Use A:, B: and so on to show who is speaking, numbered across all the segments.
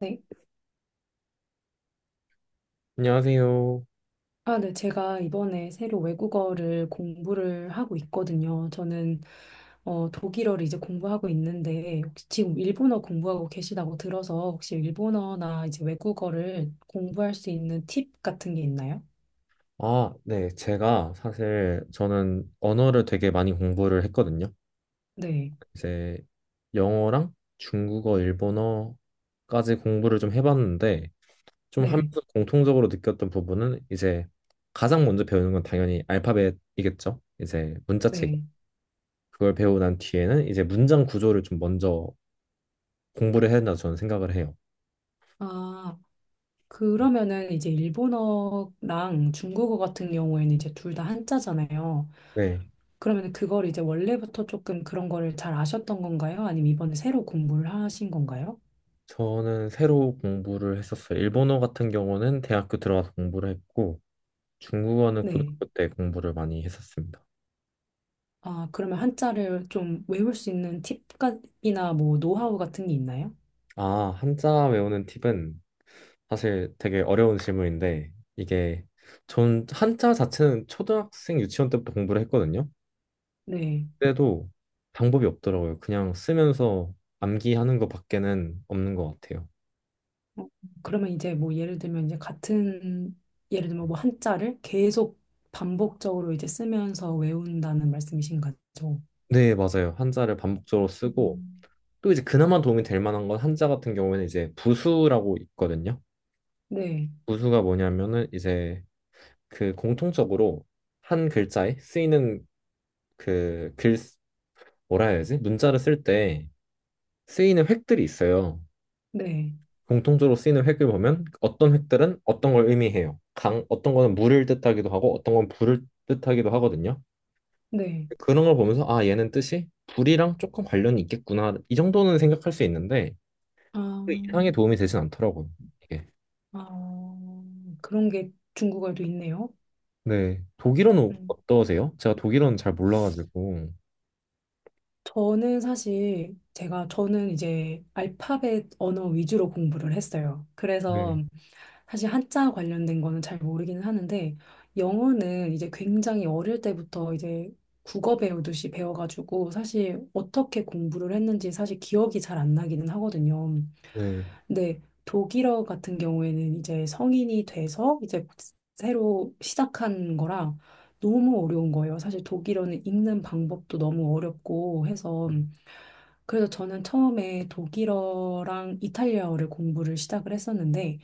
A: 네.
B: 안녕하세요.
A: 아, 네. 제가 이번에 새로 외국어를 공부를 하고 있거든요. 저는 독일어를 이제 공부하고 있는데 혹시 지금 일본어 공부하고 계시다고 들어서 혹시 일본어나 이제 외국어를 공부할 수 있는 팁 같은 게 있나요?
B: 아, 네. 제가 사실 저는 언어를 되게 많이 공부를 했거든요.
A: 네.
B: 이제 영어랑 중국어, 일본어까지 공부를 좀 해봤는데 좀
A: 네.
B: 하면서 공통적으로 느꼈던 부분은 이제 가장 먼저 배우는 건 당연히 알파벳이겠죠. 이제 문자책.
A: 네.
B: 그걸 배우고 난 뒤에는 이제 문장 구조를 좀 먼저 공부를 해야 된다 저는 생각을 해요.
A: 아, 그러면은 이제 일본어랑 중국어 같은 경우에는 이제 둘 다 한자잖아요.
B: 네.
A: 그러면 그걸 이제 원래부터 조금 그런 거를 잘 아셨던 건가요? 아니면 이번에 새로 공부를 하신 건가요?
B: 저는 새로 공부를 했었어요. 일본어 같은 경우는 대학교 들어가서 공부를 했고 중국어는
A: 네.
B: 고등학교 때 공부를 많이 했었습니다.
A: 아, 그러면 한자를 좀 외울 수 있는 팁이나 뭐 노하우 같은 게 있나요?
B: 아, 한자 외우는 팁은 사실 되게 어려운 질문인데, 이게 전 한자 자체는 초등학생 유치원 때부터 공부를 했거든요.
A: 네.
B: 그때도 방법이 없더라고요. 그냥 쓰면서 암기하는 것밖에는 없는 것 같아요.
A: 어, 그러면 이제 뭐 예를 들면 이제 같은 예를 들면 뭐 한자를 계속 반복적으로 이제 쓰면서 외운다는 말씀이신 거죠?
B: 네, 맞아요. 한자를 반복적으로 쓰고,
A: 음.
B: 또 이제 그나마 도움이 될 만한 건 한자 같은 경우에는 이제 부수라고 있거든요.
A: 네.
B: 부수가 뭐냐면은 이제 그 공통적으로 한 글자에 쓰이는 그 글 뭐라 해야 지 문자를 쓸 때 쓰이는 획들이 있어요.
A: 네.
B: 공통적으로 쓰이는 획을 보면 어떤 획들은 어떤 걸 의미해요. 강 어떤 거는 물을 뜻하기도 하고 어떤 건 불을 뜻하기도 하거든요.
A: 네.
B: 그런 걸 보면서 아 얘는 뜻이 불이랑 조금 관련이 있겠구나 이 정도는 생각할 수 있는데 그
A: 아,
B: 이상의 도움이 되진 않더라고요. 이게.
A: 아, 그런 게 중국어에도 있네요.
B: 네 독일어는
A: 음.
B: 어떠세요? 제가 독일어는 잘 몰라가지고
A: 저는 사실 제가 저는 이제 알파벳 언어 위주로 공부를 했어요.
B: 네
A: 그래서 사실 한자 관련된 거는 잘 모르기는 하는데 영어는 이제 굉장히 어릴 때부터 이제 국어 배우듯이 배워가지고 사실 어떻게 공부를 했는지 사실 기억이 잘 안 나기는 하거든요.
B: 네.
A: 근데 독일어 같은 경우에는 이제 성인이 돼서 이제 새로 시작한 거라 너무 어려운 거예요. 사실 독일어는 읽는 방법도 너무 어렵고 해서 그래서 저는 처음에 독일어랑 이탈리아어를 공부를 시작을 했었는데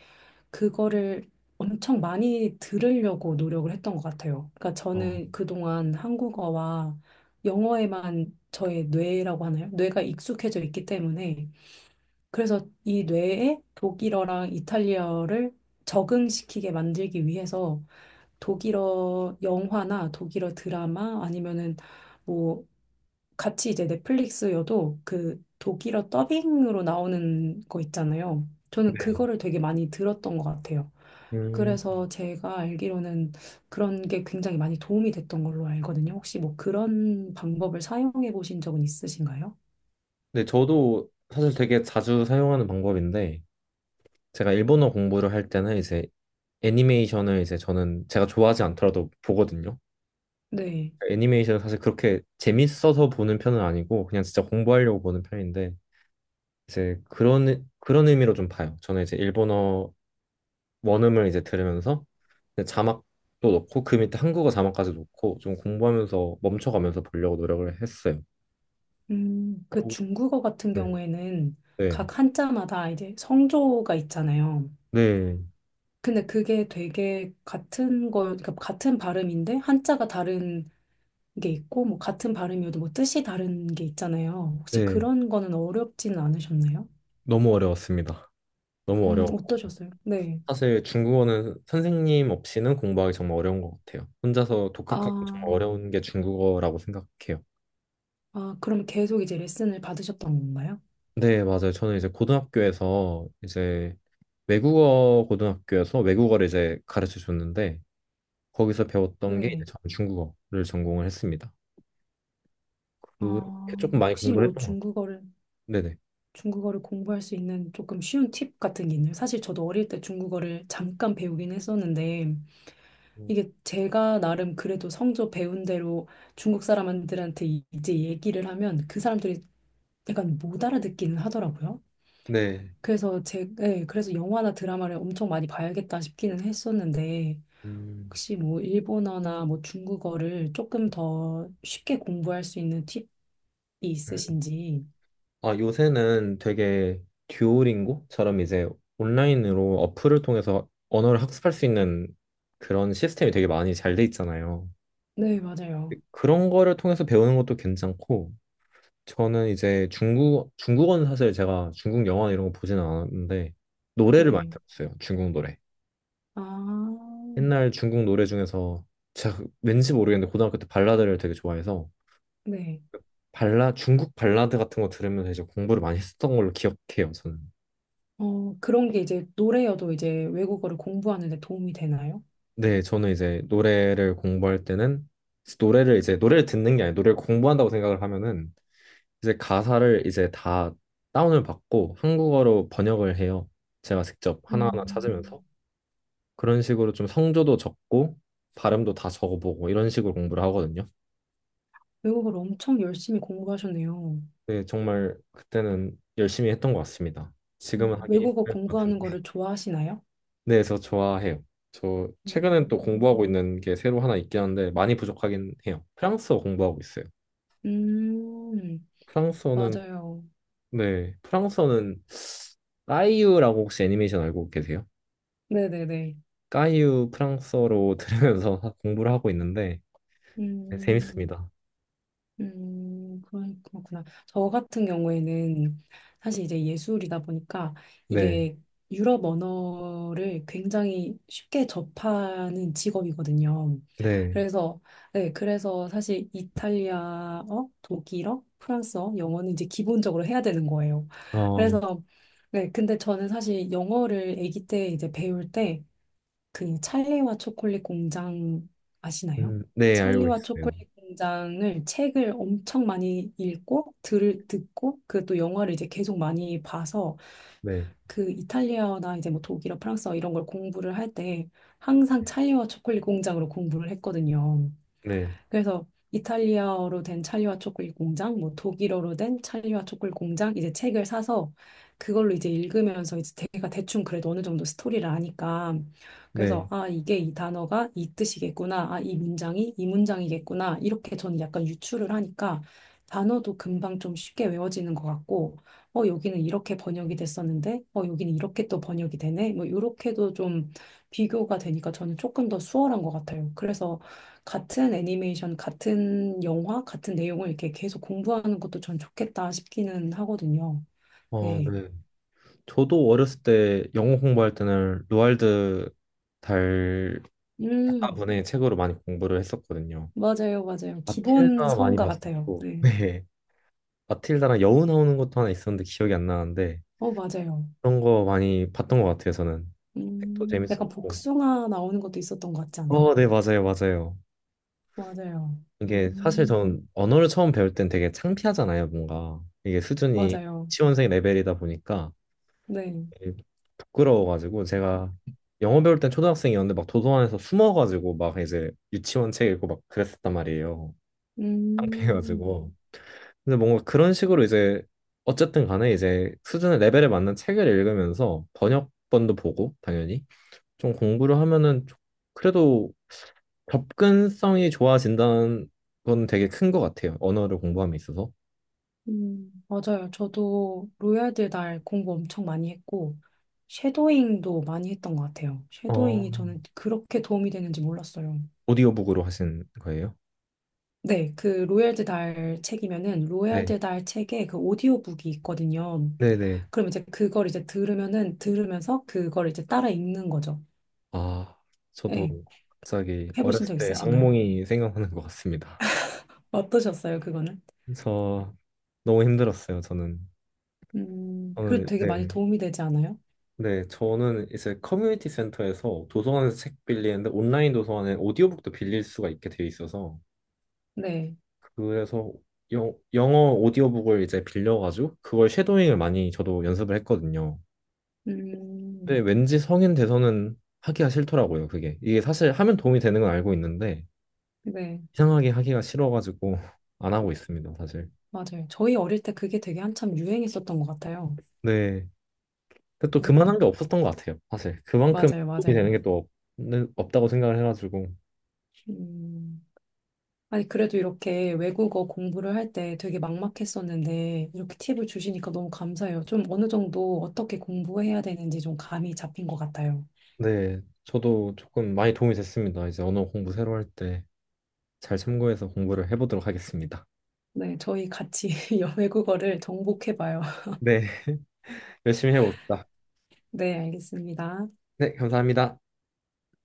A: 그거를 엄청 많이 들으려고 노력을 했던 것 같아요. 그러니까
B: 어,
A: 저는 그동안 한국어와 영어에만 저의 뇌라고 하나요? 뇌가 익숙해져 있기 때문에 그래서 이 뇌에 독일어랑 이탈리아어를 적응시키게 만들기 위해서 독일어 영화나 독일어 드라마 아니면은 뭐 같이 이제 넷플릭스여도 그 독일어 더빙으로 나오는 거 있잖아요. 저는
B: 네.
A: 그거를 되게 많이 들었던 것 같아요.
B: 음,
A: 그래서 제가 알기로는 그런 게 굉장히 많이 도움이 됐던 걸로 알거든요. 혹시 뭐 그런 방법을 사용해 보신 적은 있으신가요?
B: 네, 저도 사실 되게 자주 사용하는 방법인데, 제가 일본어 공부를 할 때는 이제 애니메이션을 이제 저는 제가 좋아하지 않더라도 보거든요.
A: 네.
B: 애니메이션을 사실 그렇게 재밌어서 보는 편은 아니고 그냥 진짜 공부하려고 보는 편인데 이제 그런 의미로 좀 봐요. 저는 이제 일본어 원음을 이제 들으면서 이제 자막도 넣고 그 밑에 한국어 자막까지 넣고 좀 공부하면서 멈춰가면서 보려고 노력을 했어요.
A: 그
B: 오.
A: 중국어 같은
B: 네,
A: 경우에는
B: 네,
A: 각 한자마다 이제 성조가 있잖아요.
B: 네,
A: 근데 그게 되게 같은 걸, 그러니까 같은 발음인데 한자가 다른 게 있고, 뭐 같은 발음이어도 뭐 뜻이 다른 게 있잖아요. 혹시
B: 네.
A: 그런 거는 어렵지는 않으셨나요?
B: 너무 어려웠습니다. 너무 어려워.
A: 어떠셨어요? 네.
B: 사실 중국어는 선생님 없이는 공부하기 정말 어려운 것 같아요. 혼자서 독학하기
A: 아.
B: 정말 어려운 게 중국어라고 생각해요.
A: 아, 그럼 계속 이제 레슨을 받으셨던 건가요?
B: 네, 맞아요. 저는 이제 고등학교에서 이제 외국어 고등학교에서 외국어를 이제 가르쳐 줬는데 거기서 배웠던 게 이제
A: 네.
B: 저는 중국어를 전공을 했습니다. 그렇게
A: 아,
B: 조금 많이
A: 혹시
B: 공부를
A: 뭐
B: 했던 것 같아요.
A: 중국어를,
B: 네네.
A: 중국어를 공부할 수 있는 조금 쉬운 팁 같은 게 있나요? 사실 저도 어릴 때 중국어를 잠깐 배우긴 했었는데, 이게 제가 나름 그래도 성조 배운 대로 중국 사람들한테 이제 얘기를 하면 그 사람들이 약간 못 알아듣기는 하더라고요.
B: 네.
A: 그래서 네, 그래서 영화나 드라마를 엄청 많이 봐야겠다 싶기는 했었는데,
B: 음,
A: 혹시 뭐 일본어나 뭐 중국어를 조금 더 쉽게 공부할 수 있는 팁이 있으신지?
B: 아, 요새는 되게 듀오링고처럼 이제 온라인으로 어플을 통해서 언어를 학습할 수 있는 그런 시스템이 되게 많이 잘 돼 있잖아요.
A: 네, 맞아요.
B: 그런 거를 통해서 배우는 것도 괜찮고, 저는 이제 중국어는 사실 제가 중국 영화 이런 거 보지는 않았는데, 노래를 많이
A: 네.
B: 들었어요. 중국 노래.
A: 아,
B: 옛날 중국 노래 중에서 제가 왠지 모르겠는데 고등학교 때 발라드를 되게 좋아해서
A: 네.
B: 중국 발라드 같은 거 들으면서 이제 공부를 많이 했던 걸로 기억해요, 저는.
A: 어, 그런 게 이제 노래여도 이제 외국어를 공부하는 데 도움이 되나요?
B: 네, 저는 이제 노래를 공부할 때는 노래를 듣는 게 아니라 노래를 공부한다고 생각을 하면은 이제 가사를 이제 다 다운을 받고 한국어로 번역을 해요. 제가 직접 하나하나
A: 음,
B: 찾으면서 그런 식으로 좀 성조도 적고 발음도 다 적어보고 이런 식으로 공부를 하거든요.
A: 외국어를 엄청 열심히 공부하셨네요.
B: 네, 정말 그때는 열심히 했던 것 같습니다. 지금은 하기
A: 외국어
B: 힘들 것 같은데.
A: 공부하는 거를 좋아하시나요?
B: 네, 그래서 좋아해요. 저 최근엔 또
A: 음,
B: 공부하고 있는 게 새로 하나 있긴 한데 많이 부족하긴 해요. 프랑스어 공부하고 있어요.
A: 음,
B: 프랑스어는
A: 맞아요.
B: 네, 프랑스어는 까이유라고 혹시 애니메이션 알고 계세요?
A: 네네네.
B: 까이유 프랑스어로 들으면서 공부를 하고 있는데 네,
A: 음,
B: 재밌습니다.
A: 그런- 그렇구나. 저 같은 경우에는 사실 이제 예술이다 보니까
B: 네,
A: 이게 유럽 언어를 굉장히 쉽게 접하는 직업이거든요.
B: 네,
A: 그래서, 네, 그래서 사실 이탈리아어, 독일어, 프랑스어, 영어는 이제 기본적으로 해야 되는 거예요.
B: 어,
A: 그래서, 네, 근데 저는 사실 영어를 아기 때 이제 배울 때 그 찰리와 초콜릿 공장 아시나요?
B: 네 알고
A: 찰리와
B: 있어요.
A: 초콜릿 공장을 책을 엄청 많이 읽고 들 듣고 그또 영화를 이제 계속 많이 봐서
B: 네,
A: 그 이탈리아나 이제 뭐 독일어, 프랑스어 이런 걸 공부를 할 때 항상 찰리와 초콜릿 공장으로 공부를 했거든요.
B: 네,
A: 그래서 이탈리아어로 된 찰리와 초콜릿 공장, 뭐 독일어로 된 찰리와 초콜릿 공장 이제 책을 사서 그걸로 이제 읽으면서 이제 제가 대충 그래도 어느 정도 스토리를 아니까
B: 네,
A: 그래서 아 이게 이 단어가 이 뜻이겠구나, 아 이 문장이 이 문장이겠구나 이렇게 저는 약간 유추를 하니까 단어도 금방 좀 쉽게 외워지는 것 같고 어 여기는 이렇게 번역이 됐었는데 어 여기는 이렇게 또 번역이 되네 뭐 이렇게도 좀 비교가 되니까 저는 조금 더 수월한 것 같아요. 그래서 같은 애니메이션, 같은 영화, 같은 내용을 이렇게 계속 공부하는 것도 전 좋겠다 싶기는 하거든요.
B: 어,
A: 네.
B: 네. 저도 어렸을 때 영어 공부할 때는 로알드 달가분의
A: 음,
B: 책으로 많이 공부를 했었거든요.
A: 맞아요, 맞아요. 기본
B: 마틸다 많이
A: 서원가 같아요.
B: 봤었고,
A: 네.
B: 네, 마틸다랑 여우 나오는 것도 하나 있었는데 기억이 안 나는데.
A: 어, 맞아요.
B: 그런 거 많이 봤던 것 같아요, 저는. 책도
A: 약간
B: 재밌었고.
A: 복숭아 나오는 것도 있었던 것 같지 않아요?
B: 어, 네, 맞아요, 맞아요.
A: 맞아요.
B: 이게 사실
A: 음,
B: 전 언어를 처음 배울 땐 되게 창피하잖아요, 뭔가. 이게 수준이
A: 맞아요.
B: 지원생 레벨이다 보니까
A: 네.
B: 되게 부끄러워가지고 제가 영어 배울 땐 초등학생이었는데 막 도서관에서 숨어가지고 막 이제 유치원 책 읽고 막 그랬었단 말이에요.
A: 음,
B: 창피해가지고. 근데 뭔가 그런 식으로 이제 어쨌든 간에 이제 수준의 레벨에 맞는 책을 읽으면서 번역본도 보고, 당연히. 좀 공부를 하면은 그래도 접근성이 좋아진다는 건 되게 큰 것 같아요. 언어를 공부함에 있어서.
A: 맞아요. 저도 로얄드 날 공부 엄청 많이 했고, 쉐도잉도 많이 했던 것 같아요.
B: 어,
A: 쉐도잉이 저는 그렇게 도움이 되는지 몰랐어요.
B: 오디오북으로 하신 거예요?
A: 네, 그 로얄드 달 책이면은
B: 네.
A: 로얄드 달 책에 그 오디오북이 있거든요.
B: 네네.
A: 그럼 이제 그걸 이제 들으면은 들으면서 그걸 이제 따라 읽는 거죠.
B: 아, 저도
A: 네,
B: 갑자기
A: 해보신
B: 어렸을
A: 적
B: 때
A: 있으신가요?
B: 악몽이 생각나는 것 같습니다.
A: 어떠셨어요, 그거는?
B: 저 너무 힘들었어요, 저는.
A: 그래도
B: 저는
A: 되게 많이
B: 네.
A: 도움이 되지 않아요?
B: 네, 저는 이제 커뮤니티 센터에서 도서관에서 책 빌리는데 온라인 도서관에 오디오북도 빌릴 수가 있게 되어 있어서
A: 네,
B: 그래서 영어 오디오북을 이제 빌려가지고 그걸 쉐도잉을 많이 저도 연습을 했거든요. 근데
A: 음,
B: 왠지 성인 돼서는 하기가 싫더라고요, 그게. 이게 사실 하면 도움이 되는 건 알고 있는데
A: 네,
B: 이상하게 하기가 싫어가지고 안 하고 있습니다, 사실.
A: 맞아요. 저희 어릴 때 그게 되게 한참 유행했었던 것 같아요.
B: 네. 근데 또 그만한
A: 네,
B: 게 없었던 것 같아요, 사실. 그만큼
A: 맞아요,
B: 도움이
A: 맞아요.
B: 되는 게 또 없다고 생각을 해가지고.
A: 음. 아니, 그래도 이렇게 외국어 공부를 할 때 되게 막막했었는데, 이렇게 팁을 주시니까 너무 감사해요. 좀 어느 정도 어떻게 공부해야 되는지 좀 감이 잡힌 것 같아요.
B: 네. 저도 조금 많이 도움이 됐습니다. 이제 언어 공부 새로 할 때 잘 참고해서 공부를 해보도록 하겠습니다.
A: 네, 저희 같이 외국어를 정복해봐요.
B: 네. 열심히 해봅시다.
A: 네, 알겠습니다.
B: 네, 감사합니다.